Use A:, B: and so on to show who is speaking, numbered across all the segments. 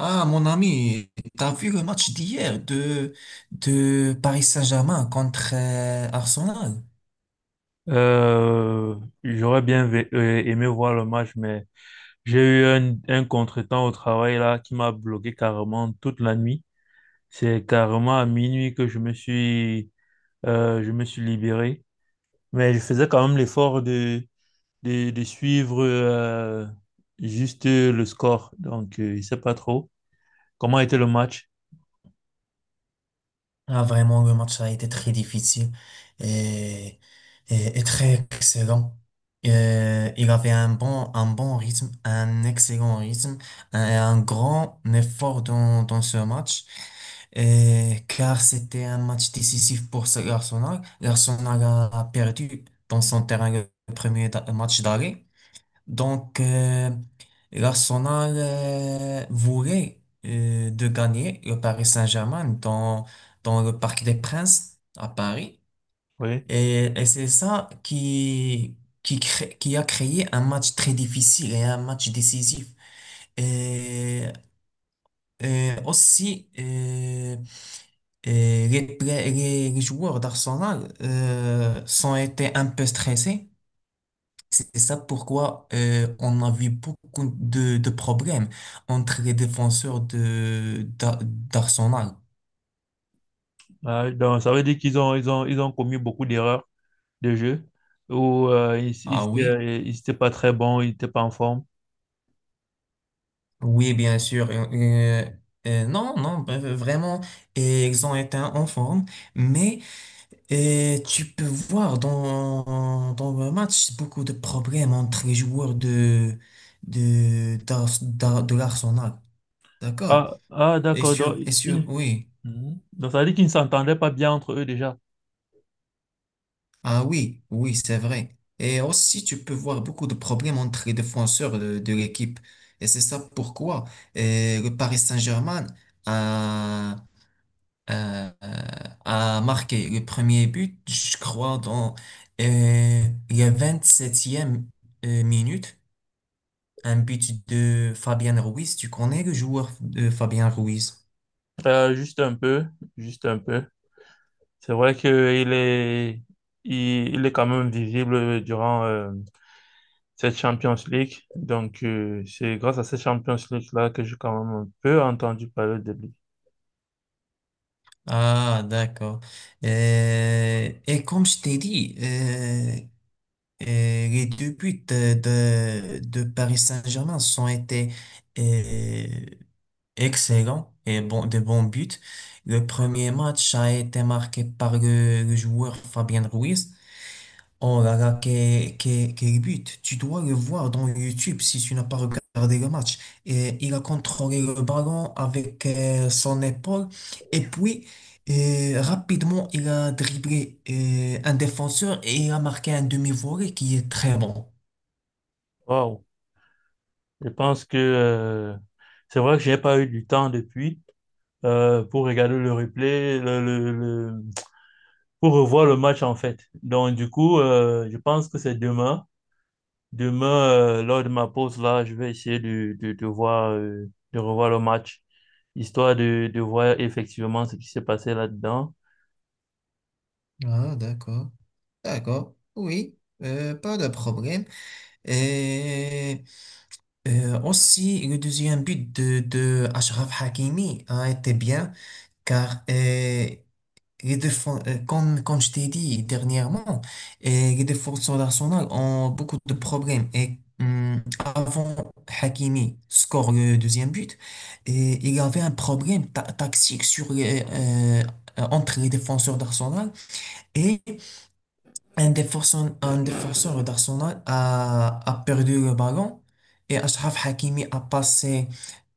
A: Ah, mon ami, t'as vu le match d'hier de Paris Saint-Germain contre Arsenal?
B: Euh, J'aurais bien aimé voir le match, mais j'ai eu un contretemps au travail là qui m'a bloqué carrément toute la nuit. C'est carrément à minuit que je me suis libéré. Mais je faisais quand même l'effort de suivre juste le score. Donc, je sais pas trop comment était le match.
A: Ah, vraiment, le match a été très difficile et, et très excellent. Il avait un bon rythme, un excellent rythme, un grand effort dans ce match. Et car c'était un match décisif pour l'Arsenal. L'Arsenal a perdu dans son terrain le premier match d'arrêt. Donc, l'Arsenal voulait de gagner le Paris Saint-Germain dans le Parc des Princes à Paris.
B: Oui.
A: Et c'est ça qui a créé un match très difficile et un match décisif. Et, et aussi, les joueurs d'Arsenal sont été un peu stressés. C'est ça pourquoi on a vu beaucoup de problèmes entre les défenseurs d'Arsenal.
B: Donc, ça veut dire qu'ils ont, ils ont, ils ont commis beaucoup d'erreurs de jeu où
A: Ah oui?
B: il était pas très bon, il était pas en forme.
A: Oui, bien sûr. Non, non, vraiment, et ils ont été en forme, mais tu peux voir dans le match beaucoup de problèmes entre les joueurs de l'Arsenal. D'accord?
B: Ah, ah
A: Et
B: d'accord. Donc,
A: sur, et sur,
B: il-
A: oui.
B: mhm. Donc, ça veut dire qu'ils ne s'entendaient pas bien entre eux déjà.
A: Ah oui, oui, c'est vrai. Et aussi, tu peux voir beaucoup de problèmes entre les défenseurs de l'équipe. Et c'est ça pourquoi le Paris Saint-Germain a, a, a marqué le premier but, je crois, dans euh, la 27e minute. Un but de Fabien Ruiz. Tu connais le joueur de Fabien Ruiz?
B: Juste un peu, juste un peu. C'est vrai qu'il est, il est quand même visible durant, cette Champions League. Donc, c'est grâce à cette Champions League-là que j'ai quand même un peu entendu parler de lui.
A: Ah, d'accord. Et comme je t'ai dit, Euh, les deux buts de Paris Saint-Germain sont été euh, excellents et bon, de bons buts. Le premier match a été marqué par le joueur Fabien Ruiz. Oh là là, quel but! Tu dois le voir dans YouTube si tu n'as pas regardé le match. Et il a contrôlé le ballon avec son épaule et puis rapidement il a dribblé un défenseur et il a marqué un demi-volée qui est très bon.
B: Waouh! Je pense que c'est vrai que j'ai pas eu du temps depuis pour regarder le replay, pour revoir le match en fait. Donc, du coup, je pense que c'est demain. Demain, lors de ma pause là, je vais essayer de voir, de revoir le match, histoire de voir effectivement ce qui s'est passé là-dedans.
A: Ah, d'accord. D'accord. Oui, pas de problème. Et aussi, le deuxième but de Achraf Hakimi a été bien car les défenses, comme je t'ai dit dernièrement, et les défenseurs d'Arsenal ont beaucoup de problèmes. Et avant Hakimi score le deuxième but, et il y avait un problème tactique sur les, entre les défenseurs d'Arsenal et un défenseur d'Arsenal a perdu le ballon et Achraf Hakimi a passé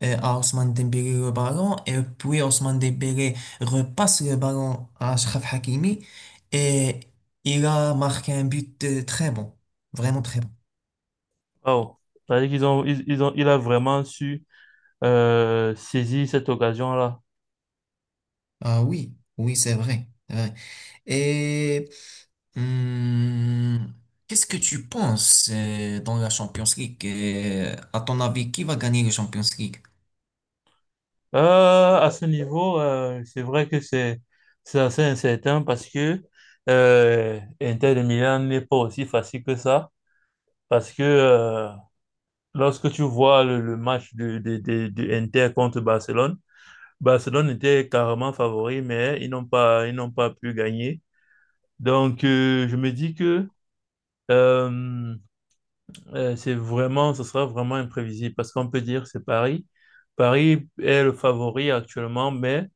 A: à Ousmane Dembélé le ballon et puis Ousmane Dembélé repasse le ballon à Achraf Hakimi et il a marqué un but très bon, vraiment très bon.
B: Waouh! C'est-à-dire qu'ils ont, ils ont, il a vraiment su saisir cette occasion-là.
A: Ah oui, oui, c'est vrai, c'est vrai. Et hum, qu'est-ce que tu penses dans la Champions League? À ton avis, qui va gagner la Champions League?
B: À ce niveau, c'est vrai que c'est assez incertain parce que Inter de Milan n'est pas aussi facile que ça. Parce que lorsque tu vois le match de Inter contre Barcelone, Barcelone était carrément favori, mais ils n'ont pas pu gagner. Donc, je me dis que euh, c'est vraiment, ce sera vraiment imprévisible parce qu'on peut dire c'est Paris. Paris est le favori actuellement, mais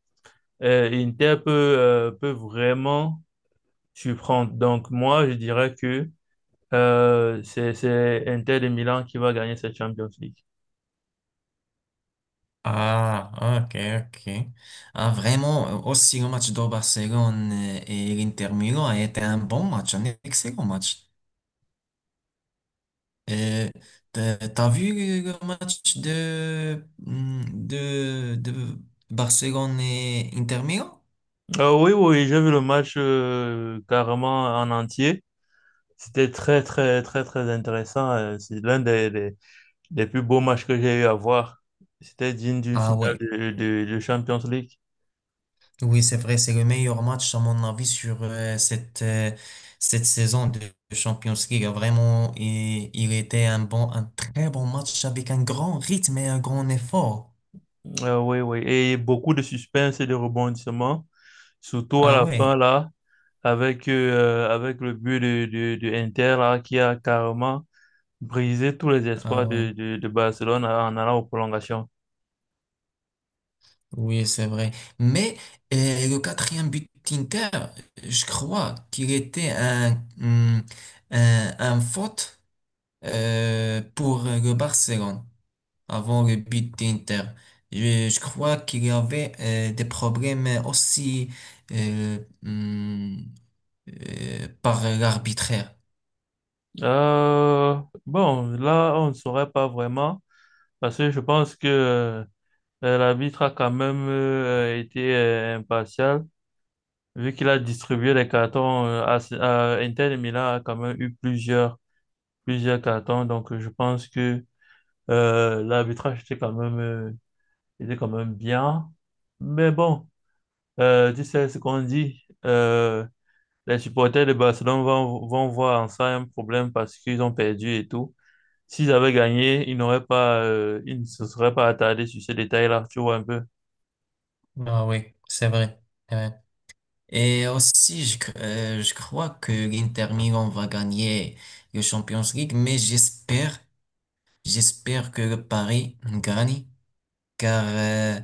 B: Inter peut, peut vraiment surprendre. Donc moi, je dirais que c'est Inter de Milan qui va gagner cette Champions League.
A: Ah, ok, ok. Ah, vraiment, aussi le match de Barcelone et l'Inter Milan a été un bon match, un excellent match. Euh, t'as vu le match de Barcelone et Inter Milan?
B: Oui, j'ai vu le match carrément en entier. C'était très intéressant. C'est l'un des plus beaux matchs que j'ai eu à voir. C'était digne d'une
A: Ah
B: finale
A: ouais,
B: de Champions League.
A: oui, c'est vrai, c'est le meilleur match à mon avis sur cette saison de Champions League. Vraiment, il était un très bon match avec un grand rythme et un grand effort.
B: Oui. Et beaucoup de suspense et de rebondissements, surtout à
A: Ah
B: la fin,
A: ouais.
B: là, avec, avec le but de Inter, là, qui a carrément brisé tous les
A: Ah
B: espoirs
A: oui,
B: de Barcelone en allant aux prolongations.
A: oui, c'est vrai. Mais le quatrième but d'Inter, je crois qu'il était un faute pour le Barcelone avant le but d'Inter. Je crois qu'il y avait des problèmes aussi euh, hum, par l'arbitraire.
B: Euh, bon, là, on ne saurait pas vraiment, parce que je pense que l'arbitre a quand même été impartial, vu qu'il a distribué les cartons à Inter de Milan, a quand même eu plusieurs cartons, donc je pense que l'arbitrage était quand même bien. Mais bon, tu sais ce qu'on dit. Les supporters de Barcelone vont voir en ça un problème parce qu'ils ont perdu et tout. S'ils avaient gagné, ils ne se seraient pas attardés sur ces détails-là, tu vois un peu.
A: Ah oui, c'est vrai. Et aussi, je crois que l'Inter Milan va gagner le Champions League, mais j'espère que le Paris gagne, car, euh,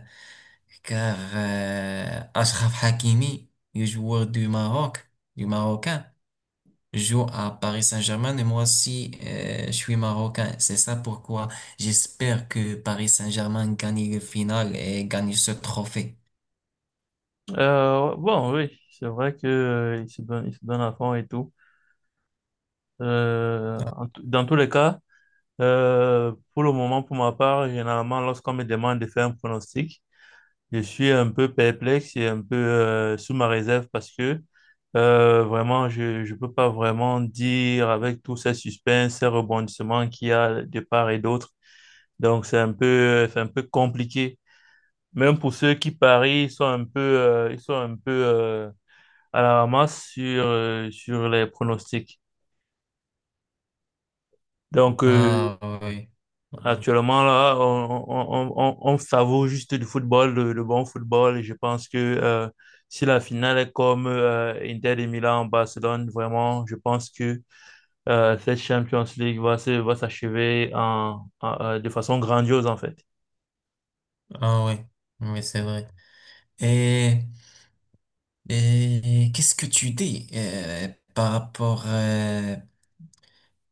A: car Achraf Hakimi, le joueur du Maroc, du Marocain, joue à Paris Saint-Germain et moi aussi, je suis Marocain. C'est ça pourquoi j'espère que Paris Saint-Germain gagne le final et gagne ce trophée.
B: Bon, oui, c'est vrai que, euh, ils se donnent à fond et tout. Dans tous les cas, pour le moment, pour ma part, généralement, lorsqu'on me demande de faire un pronostic, je suis un peu perplexe et un peu sous ma réserve parce que vraiment, je ne peux pas vraiment dire avec tous ces suspens, ces rebondissements qu'il y a de part et d'autre. Donc, c'est un peu compliqué. Même pour ceux qui parient, ils sont un peu à la ramasse sur, sur les pronostics. Donc, euh,
A: Ah oui, ah
B: Actuellement, là, on savoure juste du football, le bon football. Et je pense que si la finale est comme Inter de Milan Barcelone, vraiment, je pense que cette Champions League va s'achever de façon grandiose, en fait.
A: oui, ah oui, c'est vrai. Et, et qu'est-ce que tu dis par rapport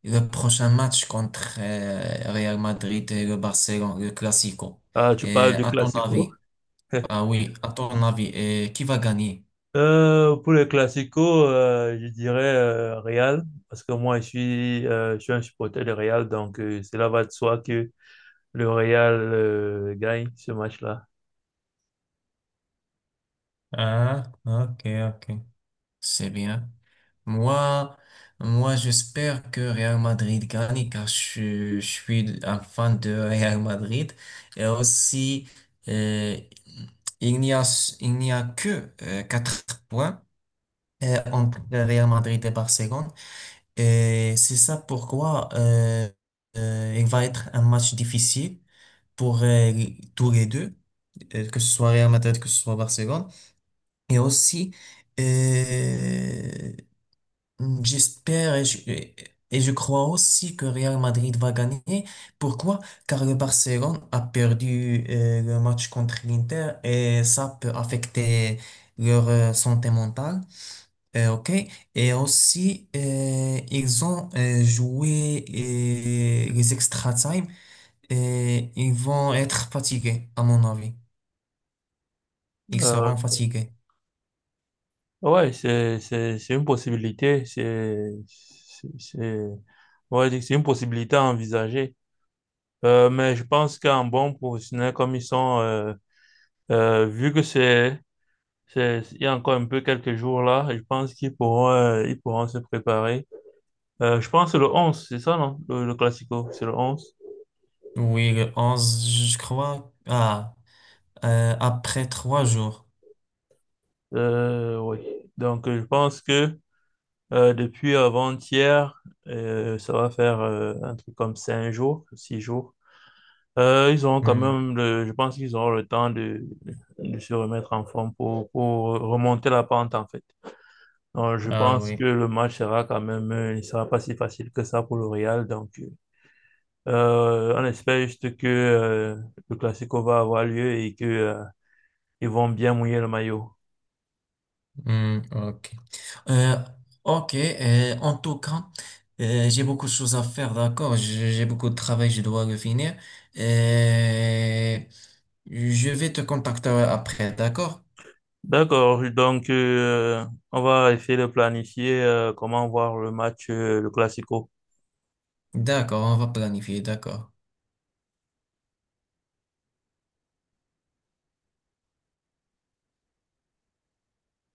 A: le prochain match contre Real Madrid et le Barcelone, le Classico?
B: Tu
A: Et
B: parles du Classico.
A: à ton avis, qui va gagner?
B: Pour les classicos, je dirais Real, parce que moi je suis un supporter de Real, donc cela va de soi que le Real gagne ce match-là.
A: Ah, ok, ok. C'est bien. Moi, moi, j'espère que Real Madrid gagne car je suis un fan de Real Madrid. Et aussi, euh, il n'y a, il n'y a que 4 points entre Real Madrid et Barcelone. Et c'est ça pourquoi il va être un match difficile pour tous les deux, que ce soit Real Madrid, que ce soit Barcelone. Et aussi, euh, j'espère et je crois aussi que Real Madrid va gagner. Pourquoi? Car le Barcelone a perdu le match contre l'Inter et ça peut affecter leur santé mentale. Ok. Et aussi, ils ont joué les extra time et ils vont être fatigués, à mon avis. Ils
B: Euh,
A: seront fatigués.
B: ouais, c'est une possibilité, on va dire que c'est une possibilité à envisager. Mais je pense qu'en bon professionnel comme ils sont, vu que c'est- il y a encore un peu quelques jours là, et je pense qu'ils pourront, ils pourront se préparer. Je pense que le 11 c'est ça, non? Le Classico, c'est le 11.
A: Oui, le 11, je crois. Après 3 jours.
B: Oui. Donc, je pense que depuis avant-hier, ça va faire un truc comme 5 jours, 6 jours. Ils auront quand
A: Hum.
B: même, le, Je pense qu'ils auront le temps de se remettre en forme pour remonter la pente, en fait. Donc, je
A: Ah
B: pense
A: oui,
B: que le match sera quand même, il sera pas si facile que ça pour le Real. Donc, on espère juste que le Classico va avoir lieu et que ils vont bien mouiller le maillot.
A: hmm, ok. Euh, ok, en tout cas, j'ai beaucoup de choses à faire, d'accord? J'ai beaucoup de travail, je dois le finir. Euh, je vais te contacter après, d'accord?
B: D'accord, donc on va essayer de planifier comment voir le match, le Classico.
A: D'accord, on va planifier, d'accord.